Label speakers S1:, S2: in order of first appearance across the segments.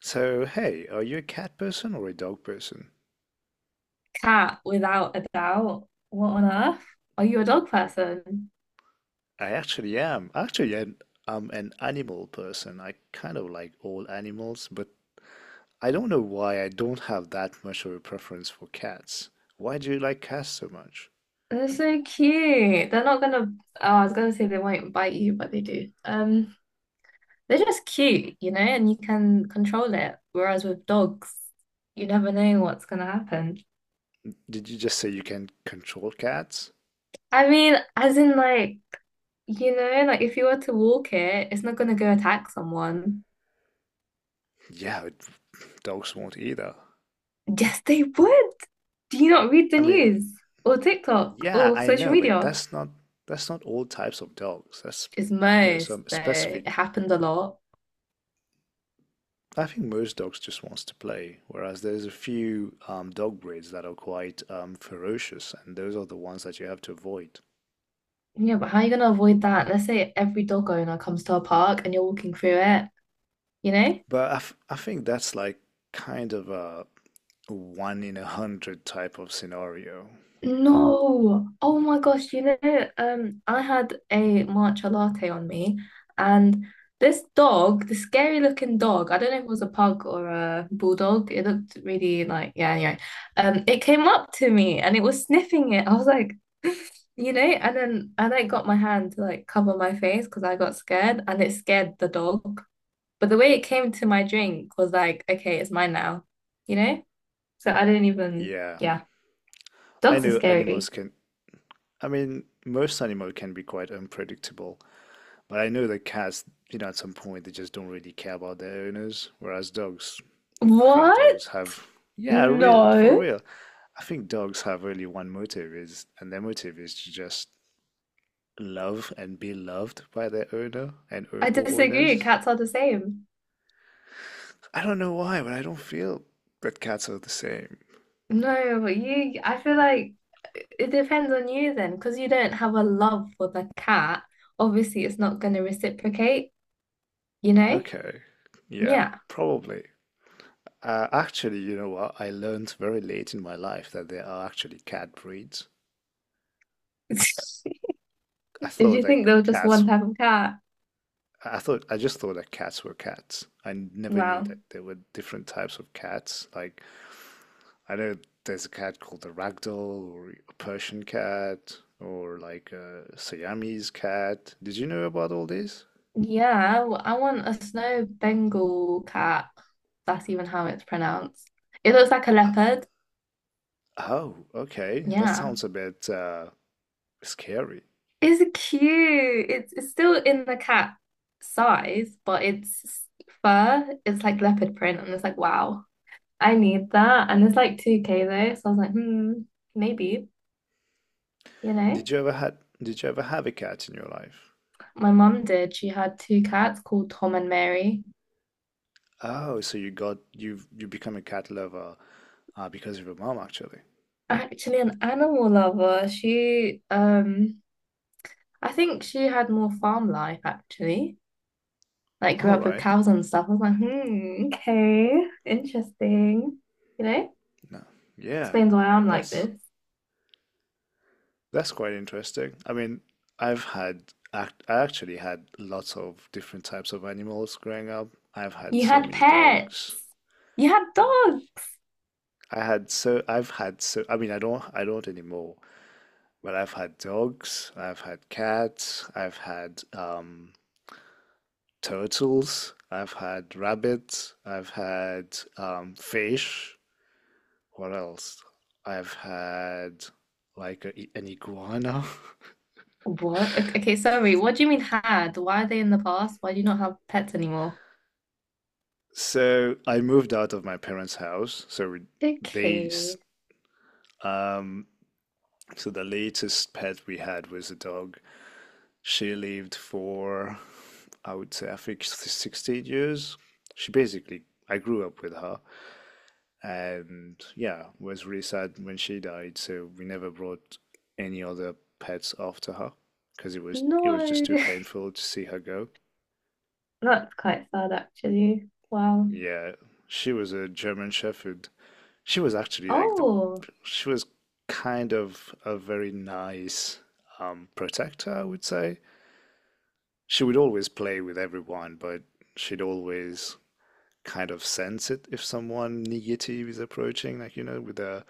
S1: So, hey, are you a cat person or a dog person?
S2: Cat, without a doubt. What on earth? Are you a dog person?
S1: I actually am. I'm an animal person. I kind of like all animals, but I don't know why I don't have that much of a preference for cats. Why do you like cats so much?
S2: They're so cute. They're not gonna, oh, I was gonna say they won't bite you, but they do. They're just cute, you know, and you can control it. Whereas with dogs, you never know what's gonna happen.
S1: Did you just say you can control cats?
S2: I mean, as in like, you know, like if you were to walk it, it's not gonna go attack someone.
S1: Yeah, but dogs won't either.
S2: Yes, they would. Do you not read the
S1: I mean,
S2: news or TikTok
S1: yeah,
S2: or
S1: I
S2: social
S1: know, but
S2: media?
S1: that's not all types of dogs. That's,
S2: It's
S1: you know,
S2: most
S1: some
S2: though.
S1: specific
S2: It happens a lot.
S1: I think most dogs just wants to play, whereas there's a few dog breeds that are quite ferocious, and those are the ones that you have to avoid.
S2: Yeah, but how are you going to avoid that? Let's say every dog owner comes to a park and you're walking through it, you know?
S1: But I, f I think that's like kind of a one in a hundred type of scenario.
S2: No. Oh my gosh, you know, I had a matcha latte on me and this dog, the scary looking dog, I don't know if it was a pug or a bulldog. It looked really like, yeah, anyway. It came up to me and it was sniffing it. I was like, you know, and then I like got my hand to like cover my face because I got scared and it scared the dog. But the way it came to my drink was like, okay, it's mine now, you know? So I didn't even,
S1: Yeah,
S2: yeah.
S1: I
S2: Dogs are
S1: know animals
S2: scary.
S1: can. I mean, most animal can be quite unpredictable, but I know that cats, you know, at some point they just don't really care about their owners, whereas dogs, I think
S2: What?
S1: dogs have, yeah, real for
S2: No.
S1: real. I think dogs have really one motive , and their motive is to just love and be loved by their owner and
S2: I
S1: or
S2: disagree.
S1: owners.
S2: Cats are the same.
S1: I don't know why, but I don't feel that cats are the same.
S2: No, I feel like it depends on you then, because you don't have a love for the cat. Obviously, it's not going to reciprocate, you know?
S1: Okay, yeah,
S2: Yeah.
S1: probably. Actually, you know what? I learned very late in my life that there are actually cat breeds. I
S2: Did
S1: thought
S2: you
S1: like
S2: think there was just
S1: cats.
S2: one type of cat?
S1: I just thought that cats were cats. I never knew
S2: Wow.
S1: that there were different types of cats. I know there's a cat called the ragdoll or a Persian cat or like a Siamese cat. Did you know about all this?
S2: Yeah, I want a snow Bengal cat. That's even how it's pronounced. It looks like a
S1: H-
S2: leopard.
S1: Oh, okay. That
S2: Yeah.
S1: sounds a bit scary.
S2: It's cute. It's still in the cat size, but it's fur. It's like leopard print, and it's like, wow, I need that. And it's like 2K though, so I was like, hmm, maybe, you
S1: Did
S2: know.
S1: you ever had did you ever have a cat in your life?
S2: My mum did. She had two cats called Tom and Mary.
S1: Oh, so you got you've you become a cat lover because of your mom actually.
S2: Actually, an animal lover. She I think she had more farm life actually. Like grew
S1: All
S2: up with
S1: right.
S2: cows and stuff. I was like, hmm, okay, interesting. You know,
S1: No. Yeah.
S2: explains why I'm like
S1: That's
S2: this.
S1: That's quite interesting. I mean, I actually had lots of different types of animals growing up. I've had
S2: You
S1: so
S2: had
S1: many
S2: pet.
S1: dogs.
S2: You had dog.
S1: I had so, I've had so, I mean, I don't anymore, but I've had dogs, I've had cats, I've had turtles, I've had rabbits, I've had fish. What else? I've had like an iguana.
S2: What? Okay, sorry. What do you mean had? Why are they in the past? Why do you not have pets anymore?
S1: So I moved out of my parents' house. They, s-
S2: Okay.
S1: um, so the latest pet we had was a dog. She lived for, I would say, I think 16 years. She basically, I grew up with her and yeah, was really sad when she died. So we never brought any other pets after her because it was just too
S2: No.
S1: painful to see her go.
S2: That's quite sad, actually. Wow.
S1: Yeah, she was a German Shepherd. She was actually like the
S2: Oh,
S1: she was kind of a very nice protector, I would say. She would always play with everyone, but she'd always kind of sense it if someone negative is approaching, like you know,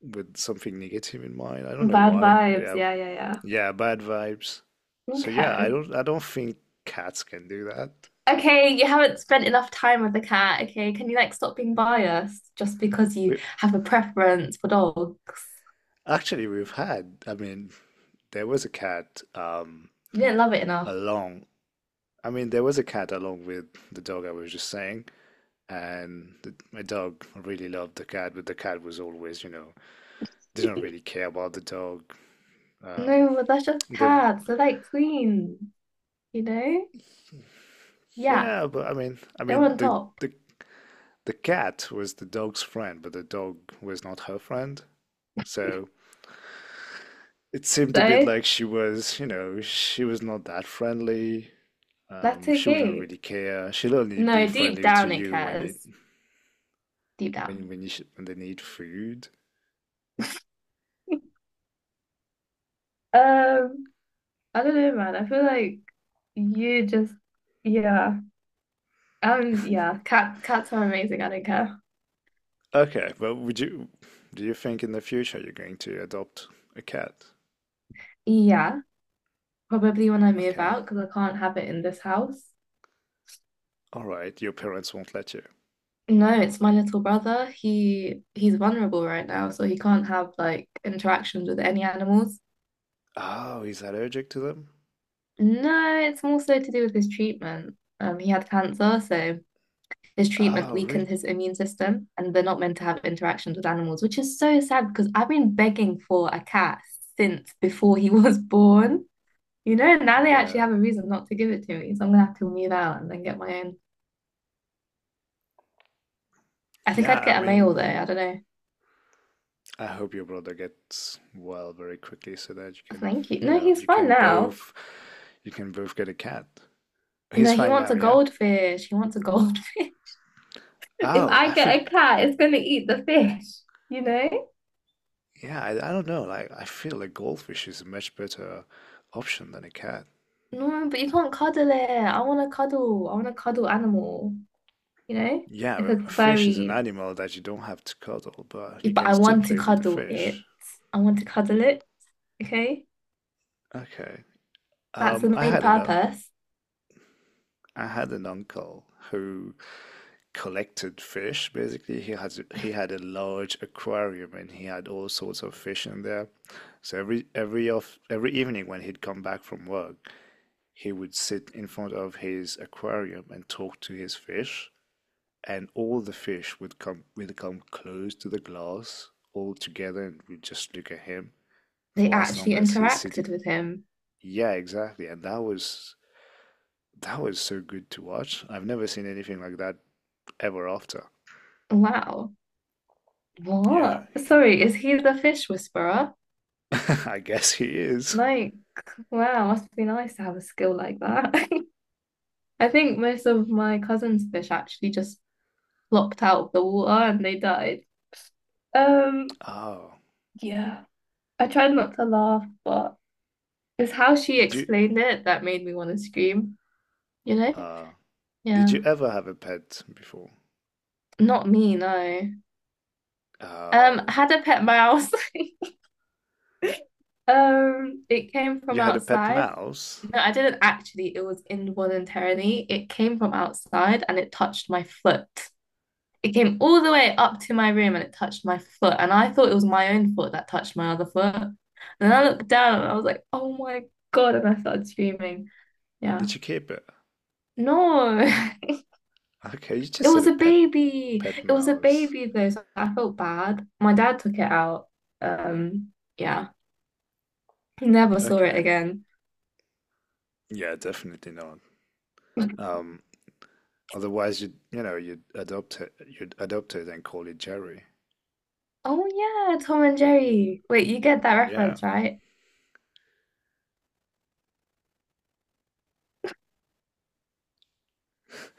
S1: with something negative in mind. I don't know
S2: bad
S1: why.
S2: vibes.
S1: Yeah,
S2: Yeah, yeah,
S1: yeah, bad vibes.
S2: yeah.
S1: So yeah,
S2: Okay.
S1: I don't think cats can do that.
S2: Okay, you haven't spent enough time with the cat. Okay, can you like stop being biased just because you
S1: We
S2: have a preference for dogs?
S1: actually we've had. I mean, there was a cat
S2: You didn't love it enough.
S1: along. I mean, there was a cat along with the dog I was just saying and my dog really loved the cat, but the cat was always, you know, didn't really care about the dog. Um,
S2: No, but that's just
S1: they,
S2: cats. They're like queens, you know? Yeah,
S1: yeah, but I
S2: they're
S1: mean,
S2: on top.
S1: the cat was the dog's friend, but the dog was not her friend. So it seemed a bit
S2: So
S1: like she was, you know, she was not that friendly.
S2: that's
S1: She wouldn't
S2: okay.
S1: really care. She'll only be
S2: No, deep
S1: friendly to
S2: down it
S1: you
S2: cares. Deep down.
S1: when you sh when they need food.
S2: Um, I don't know, man. I feel like you just, yeah. Cats are amazing. I don't care.
S1: Okay, well, would you do you think in the future you're going to adopt a cat?
S2: Yeah. Probably when I move
S1: Okay.
S2: out because I can't have it in this house.
S1: All right. Your parents won't let you.
S2: No, it's my little brother. He's vulnerable right now, so he can't have like interactions with any animals.
S1: Oh, he's allergic to them?
S2: No, it's more so to do with his treatment. He had cancer, so his treatment
S1: Oh,
S2: weakened
S1: really?
S2: his immune system, and they're not meant to have interactions with animals, which is so sad because I've been begging for a cat since before he was born. You know, now they actually
S1: Yeah.
S2: have a reason not to give it to me, so I'm gonna have to move out and then get my own. I think
S1: Yeah,
S2: I'd
S1: I
S2: get a
S1: mean,
S2: male though. I don't know.
S1: I hope your brother gets well very quickly so that you can,
S2: Thank you.
S1: you
S2: No,
S1: know,
S2: he's fine now.
S1: you can both get a cat.
S2: No,
S1: He's
S2: he
S1: fine
S2: wants
S1: now,
S2: a
S1: yeah?
S2: goldfish. He wants a goldfish. If
S1: Oh,
S2: I
S1: I
S2: get a
S1: think
S2: cat, it's gonna eat the fish, you know?
S1: yeah, I don't know. Like I feel a goldfish is a much better option than a cat.
S2: No, but you can't cuddle it. I want to cuddle. I want to cuddle animal, you know? Like
S1: Yeah,
S2: a
S1: a fish is an
S2: furry.
S1: animal that you don't have to cuddle, but you
S2: But
S1: can
S2: I
S1: still
S2: want to
S1: play with the
S2: cuddle it.
S1: fish.
S2: I want to cuddle it. Okay?
S1: Okay.
S2: That's
S1: Um,
S2: the
S1: I
S2: main
S1: had an uh,
S2: purpose.
S1: I had an uncle who collected fish. Basically, he had a large aquarium and he had all sorts of fish in there. So every evening when he'd come back from work, he would sit in front of his aquarium and talk to his fish, and all the fish would come close to the glass all together and would just look at him
S2: They
S1: for as long
S2: actually
S1: as he's sitting.
S2: interacted with him.
S1: Yeah, exactly. And that was so good to watch. I've never seen anything like that ever after.
S2: Wow.
S1: Yeah,
S2: What? Sorry, is he the fish whisperer?
S1: I guess he is.
S2: Like, wow, must be nice to have a skill like that. I think most of my cousin's fish actually just flopped out of the water and they died. Um,
S1: Oh,
S2: yeah, I tried not to laugh, but it's how she
S1: did you?
S2: explained it that made me want to scream, you know?
S1: Uh, did
S2: Yeah,
S1: you ever have a pet before?
S2: not me, no. I
S1: Oh,
S2: had a pet mouse. It came
S1: you
S2: from
S1: had a pet
S2: outside.
S1: mouse.
S2: No, I didn't actually. It was involuntarily. It came from outside and it touched my foot. It came all the way up to my room and it touched my foot. And I thought it was my own foot that touched my other foot. And then I looked down and I was like, oh my God. And I started screaming. Yeah.
S1: Did you keep it?
S2: No,
S1: Okay, you
S2: it
S1: just said
S2: was
S1: a
S2: a baby.
S1: pet
S2: It was a
S1: mouse.
S2: baby though. So I felt bad. My dad took it out. Um, yeah. Never saw it
S1: Okay,
S2: again.
S1: yeah, definitely not. Um, otherwise you'd adopt it and call it Jerry.
S2: Oh yeah, Tom and Jerry. Wait, you get that
S1: Yeah,
S2: reference, right?